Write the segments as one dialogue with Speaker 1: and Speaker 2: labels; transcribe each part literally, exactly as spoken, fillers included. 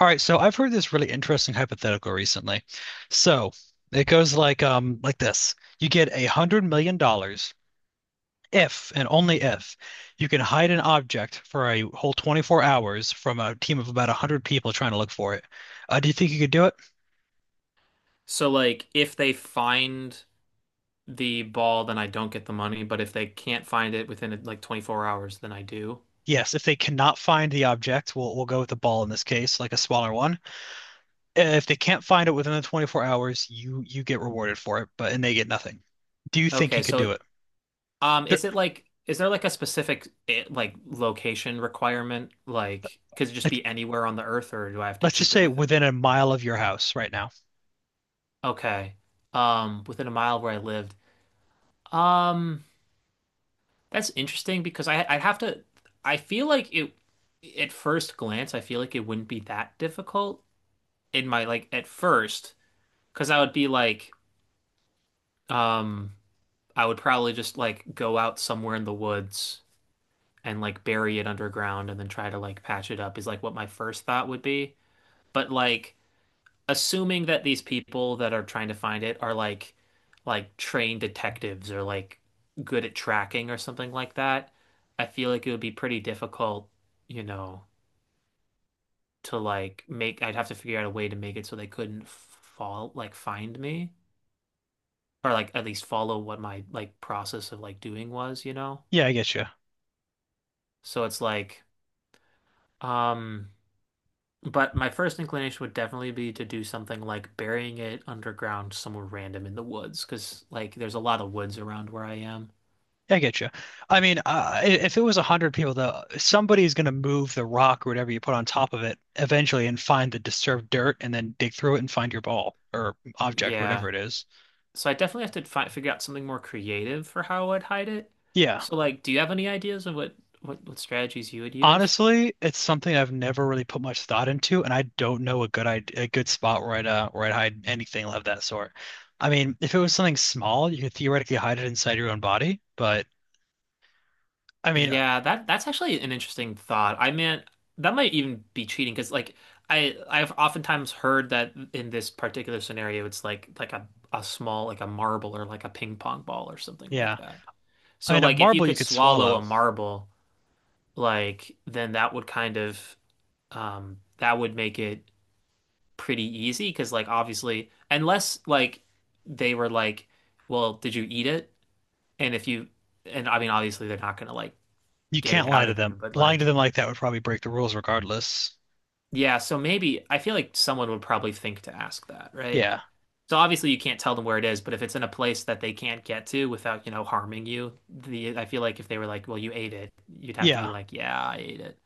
Speaker 1: All right, so I've heard this really interesting hypothetical recently. So it goes like um like this. You get a hundred million dollars if and only if you can hide an object for a whole twenty-four hours from a team of about a hundred people trying to look for it. Uh, do you think you could do it?
Speaker 2: So like if they find the ball, then I don't get the money, but if they can't find it within like twenty-four hours, then I do.
Speaker 1: Yes, if they cannot find the object, we'll we'll go with the ball in this case, like a smaller one. If they can't find it within the twenty-four hours, you you get rewarded for it, but and they get nothing. Do you think
Speaker 2: Okay,
Speaker 1: you could do
Speaker 2: so
Speaker 1: it?
Speaker 2: um
Speaker 1: There,
Speaker 2: is it like is there like a specific eh, like location requirement like could it just
Speaker 1: like
Speaker 2: be anywhere on the earth or do I have to
Speaker 1: Let's just
Speaker 2: keep it
Speaker 1: say
Speaker 2: within?
Speaker 1: within a mile of your house right now.
Speaker 2: Okay. Um within a mile of where I lived. Um that's interesting because I I'd have to, I feel like it, at first glance I feel like it wouldn't be that difficult in my like at first because I would be like, Um, I would probably just like go out somewhere in the woods and like bury it underground and then try to like patch it up is like what my first thought would be. But like assuming that these people that are trying to find it are like like trained detectives or like good at tracking or something like that, I feel like it would be pretty difficult, you know, to like make, I'd have to figure out a way to make it so they couldn't fall like find me or like at least follow what my like process of like doing was, you know?
Speaker 1: Yeah, I get you.
Speaker 2: So it's like, um, but my first inclination would definitely be to do something like burying it underground somewhere random in the woods, because like there's a lot of woods around where I am.
Speaker 1: I get you. I mean, uh, i- if it was a hundred people, though, somebody's going to move the rock or whatever you put on top of it eventually and find the disturbed dirt and then dig through it and find your ball or object, whatever
Speaker 2: Yeah.
Speaker 1: it is.
Speaker 2: So I definitely have to fi figure out something more creative for how I'd hide it.
Speaker 1: Yeah.
Speaker 2: So like, do you have any ideas of what what, what strategies you would use?
Speaker 1: Honestly, it's something I've never really put much thought into, and I don't know a good id- a good spot where I'd uh, where I'd hide anything of that sort. I mean, if it was something small, you could theoretically hide it inside your own body, but I mean,
Speaker 2: Yeah, that that's actually an interesting thought. I mean, that might even be cheating because like I I've oftentimes heard that in this particular scenario it's like like a a small like a marble or like a ping pong ball or something like
Speaker 1: yeah.
Speaker 2: that.
Speaker 1: I
Speaker 2: So
Speaker 1: mean, a
Speaker 2: like if you
Speaker 1: marble you
Speaker 2: could
Speaker 1: could
Speaker 2: swallow
Speaker 1: swallow.
Speaker 2: a marble, like then that would kind of um that would make it pretty easy because like obviously unless like they were like, well, did you eat it? And if you, and I mean obviously they're not gonna like
Speaker 1: You
Speaker 2: get
Speaker 1: can't
Speaker 2: it
Speaker 1: lie
Speaker 2: out
Speaker 1: to
Speaker 2: of
Speaker 1: them.
Speaker 2: you, but
Speaker 1: Lying to
Speaker 2: like,
Speaker 1: them like that would probably break the rules regardless.
Speaker 2: yeah, so maybe I feel like someone would probably think to ask that, right?
Speaker 1: Yeah.
Speaker 2: So obviously you can't tell them where it is, but if it's in a place that they can't get to without, you know, harming you, the I feel like if they were like, "Well, you ate it," you'd have to be
Speaker 1: Yeah.
Speaker 2: like, "Yeah, I ate it."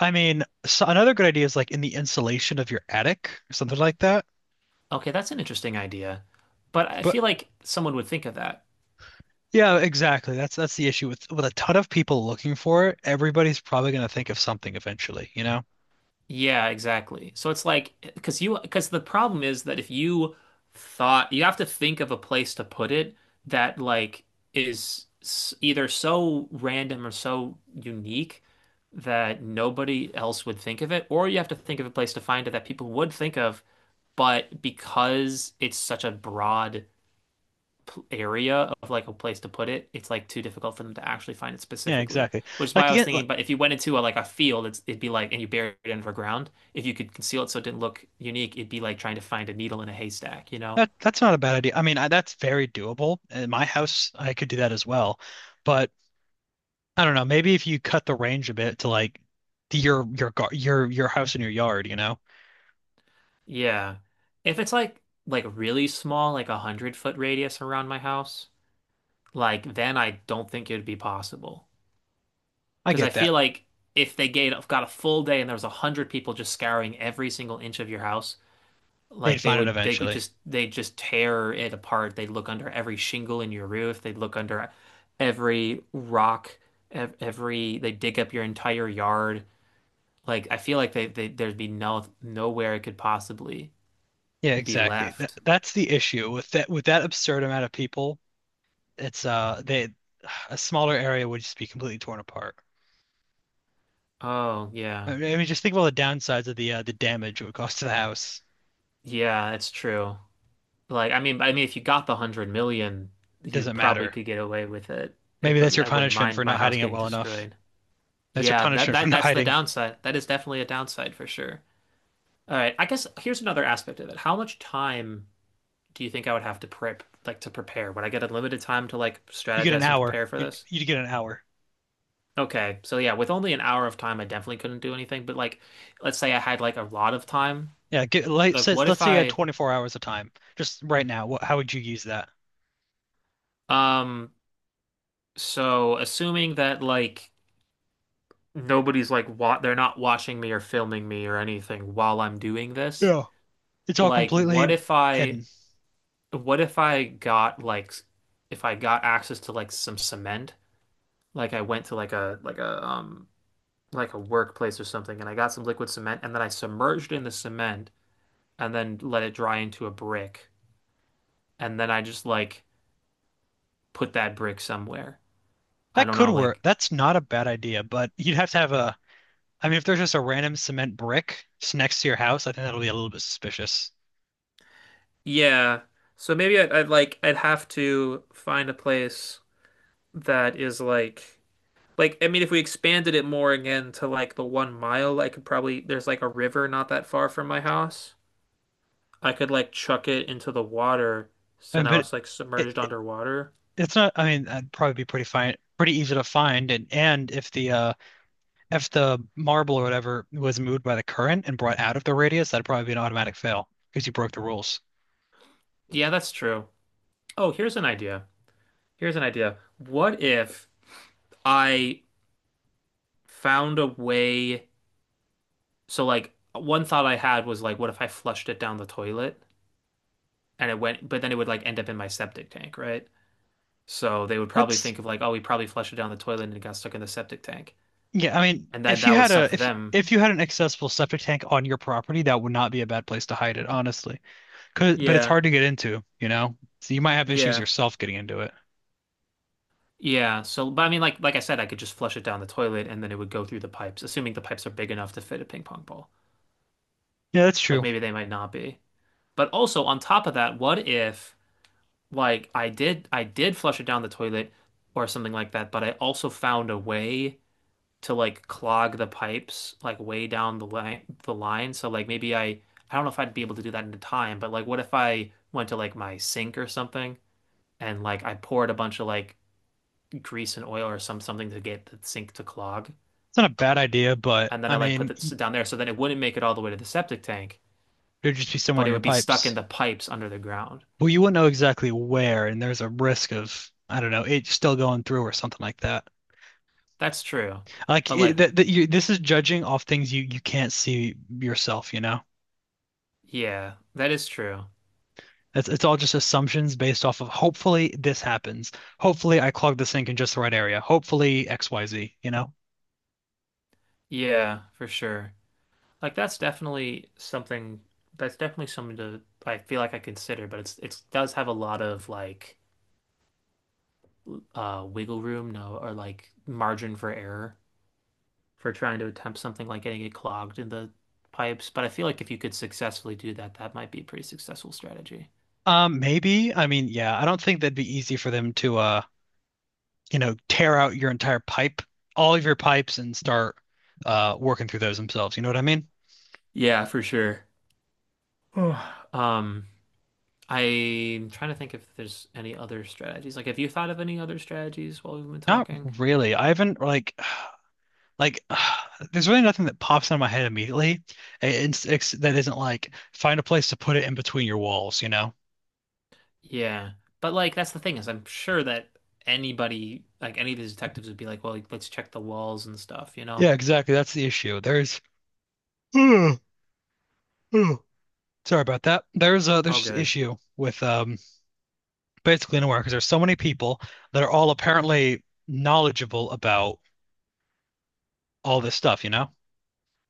Speaker 1: I mean, so another good idea is like in the insulation of your attic or something like that.
Speaker 2: Okay, that's an interesting idea. But I
Speaker 1: But
Speaker 2: feel like someone would think of that.
Speaker 1: yeah, exactly. That's that's the issue with with a ton of people looking for it, everybody's probably going to think of something eventually, you know?
Speaker 2: Yeah, exactly. So it's like because you, because the problem is that if you thought, you have to think of a place to put it that like is s- either so random or so unique that nobody else would think of it, or you have to think of a place to find it that people would think of, but because it's such a broad pl- area of like a place to put it, it's like too difficult for them to actually find it
Speaker 1: Yeah,
Speaker 2: specifically.
Speaker 1: exactly.
Speaker 2: Which is
Speaker 1: Like
Speaker 2: why I
Speaker 1: the
Speaker 2: was
Speaker 1: in- like,
Speaker 2: thinking, but if you went into a, like a field, it's, it'd be like, and you buried it underground. If you could conceal it so it didn't look unique, it'd be like trying to find a needle in a haystack, you know?
Speaker 1: that that's not a bad idea. I mean, I, that's very doable. In my house, I could do that as well. But I don't know, maybe if you cut the range a bit to like to your your gar your your house and your yard, you know?
Speaker 2: Yeah. If it's like like really small, like a hundred foot radius around my house, like then I don't think it'd be possible.
Speaker 1: I
Speaker 2: Because I
Speaker 1: get that.
Speaker 2: feel like if they gave, got a full day and there was a hundred people just scouring every single inch of your house.
Speaker 1: They'd
Speaker 2: Like they
Speaker 1: find it
Speaker 2: would, they would
Speaker 1: eventually.
Speaker 2: just, they just tear it apart. They'd look under every shingle in your roof. They'd look under every rock, ev every, they dig up your entire yard. Like I feel like they, they, there'd be no, nowhere it could possibly
Speaker 1: Yeah,
Speaker 2: be
Speaker 1: exactly. That,
Speaker 2: left.
Speaker 1: that's the issue with that with that absurd amount of people. It's uh they A smaller area would just be completely torn apart.
Speaker 2: Oh yeah,
Speaker 1: I mean, I mean, just think about the downsides of the uh, the damage it would cause to the house.
Speaker 2: yeah, that's true. Like I mean, I mean, if you got the hundred million, you
Speaker 1: Doesn't
Speaker 2: probably
Speaker 1: matter.
Speaker 2: could get away with it. It
Speaker 1: Maybe that's
Speaker 2: prob-
Speaker 1: your
Speaker 2: I wouldn't
Speaker 1: punishment
Speaker 2: mind
Speaker 1: for
Speaker 2: my
Speaker 1: not
Speaker 2: house
Speaker 1: hiding it
Speaker 2: getting
Speaker 1: well enough.
Speaker 2: destroyed.
Speaker 1: That's your
Speaker 2: Yeah, that
Speaker 1: punishment for
Speaker 2: that
Speaker 1: not
Speaker 2: that's the
Speaker 1: hiding.
Speaker 2: downside. That is definitely a downside for sure. All right. I guess here's another aspect of it. How much time do you think I would have to prep, like to prepare? Would I get unlimited time to like
Speaker 1: You get an
Speaker 2: strategize and
Speaker 1: hour.
Speaker 2: prepare for
Speaker 1: You
Speaker 2: this?
Speaker 1: you get an hour.
Speaker 2: Okay. So yeah, with only an hour of time, I definitely couldn't do anything. But like, let's say I had like a lot of time.
Speaker 1: Yeah, get, like,
Speaker 2: Like,
Speaker 1: says,
Speaker 2: what
Speaker 1: let's
Speaker 2: if
Speaker 1: say you had
Speaker 2: I,
Speaker 1: twenty-four hours of time. Just right now, what, how would you use that?
Speaker 2: um, so assuming that like nobody's like wa they're not watching me or filming me or anything while I'm doing this,
Speaker 1: Yeah. It's all
Speaker 2: like,
Speaker 1: completely
Speaker 2: what if I,
Speaker 1: hidden.
Speaker 2: what if I got like, if I got access to like some cement? Like I went to like a like a um like a workplace or something and I got some liquid cement and then I submerged it in the cement and then let it dry into a brick and then I just like put that brick somewhere. I
Speaker 1: That
Speaker 2: don't
Speaker 1: could
Speaker 2: know,
Speaker 1: work.
Speaker 2: like
Speaker 1: That's not a bad idea, but you'd have to have a. I mean, if there's just a random cement brick just next to your house, I think that'll be a little bit suspicious.
Speaker 2: yeah. So maybe I'd, I'd like I'd have to find a place that is like like I mean if we expanded it more again to like the one mile, I could probably, there's like a river not that far from my house. I could like chuck it into the water
Speaker 1: I
Speaker 2: so
Speaker 1: mean,
Speaker 2: now
Speaker 1: but
Speaker 2: it's like
Speaker 1: it,
Speaker 2: submerged
Speaker 1: it
Speaker 2: underwater.
Speaker 1: It's not. I mean, that'd probably be pretty fine, pretty easy to find. And and if the uh if the marble or whatever was moved by the current and brought out of the radius, that'd probably be an automatic fail because you broke the rules.
Speaker 2: Yeah, that's true. Oh, here's an idea. Here's an idea. What if I found a way? So, like, one thought I had was like, what if I flushed it down the toilet and it went, but then it would like end up in my septic tank, right? So they would probably
Speaker 1: That's
Speaker 2: think of like, oh, we probably flushed it down the toilet and it got stuck in the septic tank,
Speaker 1: yeah. I mean,
Speaker 2: and then
Speaker 1: if
Speaker 2: that
Speaker 1: you
Speaker 2: would
Speaker 1: had
Speaker 2: suck
Speaker 1: a
Speaker 2: for
Speaker 1: if
Speaker 2: them.
Speaker 1: if you had an accessible septic tank on your property, that would not be a bad place to hide it, honestly. Cause, but it's
Speaker 2: Yeah,
Speaker 1: hard to get into, you know? So you might have issues
Speaker 2: yeah,
Speaker 1: yourself getting into it.
Speaker 2: yeah. So, but I mean, like, like I said, I could just flush it down the toilet and then it would go through the pipes, assuming the pipes are big enough to fit a ping pong ball.
Speaker 1: Yeah, that's
Speaker 2: Like
Speaker 1: true.
Speaker 2: maybe they might not be. But also on top of that, what if like I did I did flush it down the toilet or something like that, but I also found a way to like clog the pipes like way down the line the line. So like maybe I I don't know if I'd be able to do that in time, but like what if I went to like my sink or something and like I poured a bunch of like grease and oil or some something to get the sink to clog
Speaker 1: It's not a bad idea, but
Speaker 2: and then
Speaker 1: I
Speaker 2: I like put
Speaker 1: mean,
Speaker 2: it
Speaker 1: y-
Speaker 2: down there so that it wouldn't make it all the way to the septic tank,
Speaker 1: there'd just be somewhere
Speaker 2: but
Speaker 1: in
Speaker 2: it
Speaker 1: your
Speaker 2: would be stuck in
Speaker 1: pipes.
Speaker 2: the pipes under the ground.
Speaker 1: Well, you wouldn't know exactly where, and there's a risk of, I don't know, it still going through or something like that.
Speaker 2: That's true.
Speaker 1: Like
Speaker 2: But
Speaker 1: it,
Speaker 2: like,
Speaker 1: that, that you, this is judging off things you you can't see yourself, you know?
Speaker 2: yeah, that is true.
Speaker 1: It's it's all just assumptions based off of hopefully this happens. Hopefully I clog the sink in just the right area. Hopefully X Y Z, you know?
Speaker 2: Yeah, for sure. Like that's definitely something, that's definitely something to I feel like I consider, but it's it does have a lot of like uh wiggle room, no, or like margin for error for trying to attempt something like getting it clogged in the pipes. But I feel like if you could successfully do that, that might be a pretty successful strategy.
Speaker 1: Um, maybe. I mean, yeah, I don't think that'd be easy for them to uh you know, tear out your entire pipe, all of your pipes, and start uh, working through those themselves. You know what I mean?
Speaker 2: Yeah, for sure. Um, I'm trying to think if there's any other strategies. Like, have you thought of any other strategies while we've been
Speaker 1: Not
Speaker 2: talking?
Speaker 1: really. I haven't like like uh, there's really nothing that pops out of my head immediately. It's, it's that isn't like find a place to put it in between your walls. You know?
Speaker 2: Yeah. But like that's the thing is I'm sure that anybody like any of these detectives would be like, well, like, let's check the walls and stuff, you know?
Speaker 1: Yeah, exactly. That's the issue. There's sorry about that. There's a there's
Speaker 2: Oh,
Speaker 1: just
Speaker 2: good.
Speaker 1: issue with um basically nowhere because there's so many people that are all apparently knowledgeable about all this stuff. You know?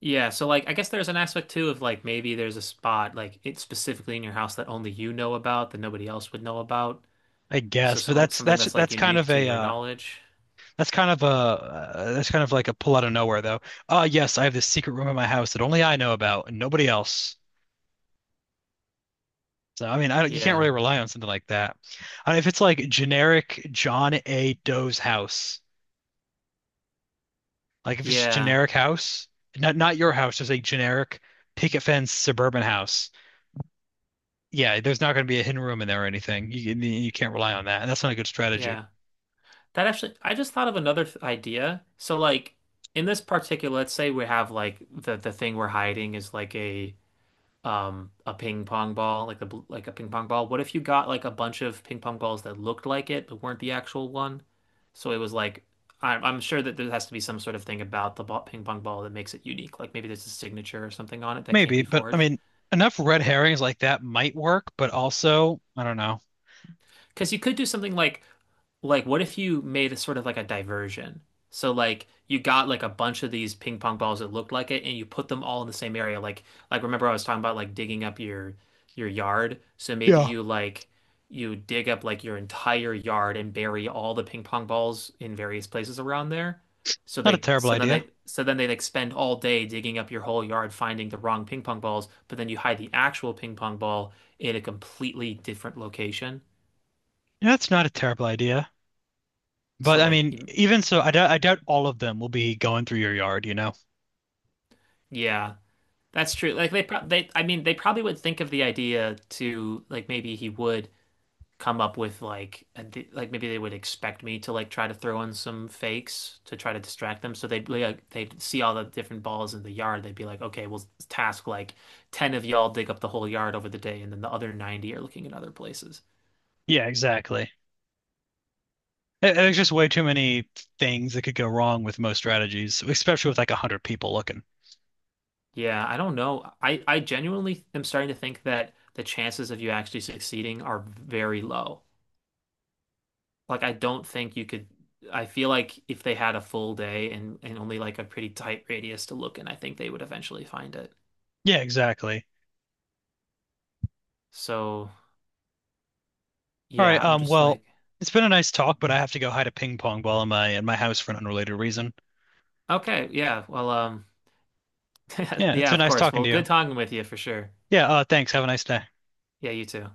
Speaker 2: Yeah, so like I guess there's an aspect too of like maybe there's a spot like it's specifically in your house that only you know about that nobody else would know about.
Speaker 1: I
Speaker 2: So
Speaker 1: guess, but
Speaker 2: some
Speaker 1: that's
Speaker 2: something
Speaker 1: that's
Speaker 2: that's like
Speaker 1: that's kind
Speaker 2: unique
Speaker 1: of
Speaker 2: to
Speaker 1: a
Speaker 2: your
Speaker 1: uh,
Speaker 2: knowledge.
Speaker 1: that's kind of a uh, that's kind of like a pull out of nowhere though. Uh yes, I have this secret room in my house that only I know about and nobody else. So I mean, I don't, you can't
Speaker 2: Yeah.
Speaker 1: really rely on something like that. Uh, if it's like generic John A. Doe's house, like if it's just
Speaker 2: Yeah.
Speaker 1: generic house, not not your house, just a generic picket fence suburban house. Yeah, there's not going to be a hidden room in there or anything. You you can't rely on that, and that's not a good strategy.
Speaker 2: Yeah. That actually I just thought of another th idea. So like in this particular, let's say we have like the the thing we're hiding is like a um a ping pong ball, like the like a ping pong ball. What if you got like a bunch of ping pong balls that looked like it but weren't the actual one? So it was like I'm I'm sure that there has to be some sort of thing about the ball, ping pong ball that makes it unique. Like maybe there's a signature or something on it that can't
Speaker 1: Maybe,
Speaker 2: be
Speaker 1: but I
Speaker 2: forged.
Speaker 1: mean, enough red herrings like that might work, but also, I don't know,
Speaker 2: Because you could do something like, like what if you made a sort of like a diversion? So like you got like a bunch of these ping pong balls that looked like it, and you put them all in the same area. Like like remember I was talking about like digging up your your yard. So maybe
Speaker 1: Yeah.
Speaker 2: you like you dig up like your entire yard and bury all the ping pong balls in various places around there. So
Speaker 1: Not a
Speaker 2: they
Speaker 1: terrible
Speaker 2: so then
Speaker 1: idea.
Speaker 2: they so then they like spend all day digging up your whole yard finding the wrong ping pong balls, but then you hide the actual ping pong ball in a completely different location.
Speaker 1: Yeah, that's not a terrible idea. But
Speaker 2: So
Speaker 1: I
Speaker 2: like,
Speaker 1: mean,
Speaker 2: you-
Speaker 1: even so, I doubt, I doubt all of them will be going through your yard, you know?
Speaker 2: yeah, that's true. Like they pro they I mean they probably would think of the idea to like maybe he would come up with like a di- like maybe they would expect me to like try to throw in some fakes to try to distract them. So they'd like they'd see all the different balls in the yard. They'd be like, okay, we'll task like ten of y'all dig up the whole yard over the day, and then the other ninety are looking in other places.
Speaker 1: Yeah, exactly. There- There's just way too many things that could go wrong with most strategies, especially with like a hundred people looking.
Speaker 2: Yeah, I don't know. I I genuinely am starting to think that the chances of you actually succeeding are very low. Like I don't think you could, I feel like if they had a full day and and only like a pretty tight radius to look in, I think they would eventually find it.
Speaker 1: Yeah, exactly.
Speaker 2: So,
Speaker 1: All
Speaker 2: yeah,
Speaker 1: right.
Speaker 2: I'm
Speaker 1: Um.
Speaker 2: just
Speaker 1: Well,
Speaker 2: like,
Speaker 1: it's been a nice talk, but I have to go hide a ping pong ball in my in my house for an unrelated reason.
Speaker 2: okay, yeah. Well, um
Speaker 1: Yeah, it's
Speaker 2: yeah,
Speaker 1: been
Speaker 2: of
Speaker 1: nice
Speaker 2: course.
Speaker 1: talking
Speaker 2: Well,
Speaker 1: to you.
Speaker 2: good talking with you for sure.
Speaker 1: Yeah. Uh. Thanks. Have a nice day.
Speaker 2: Yeah, you too.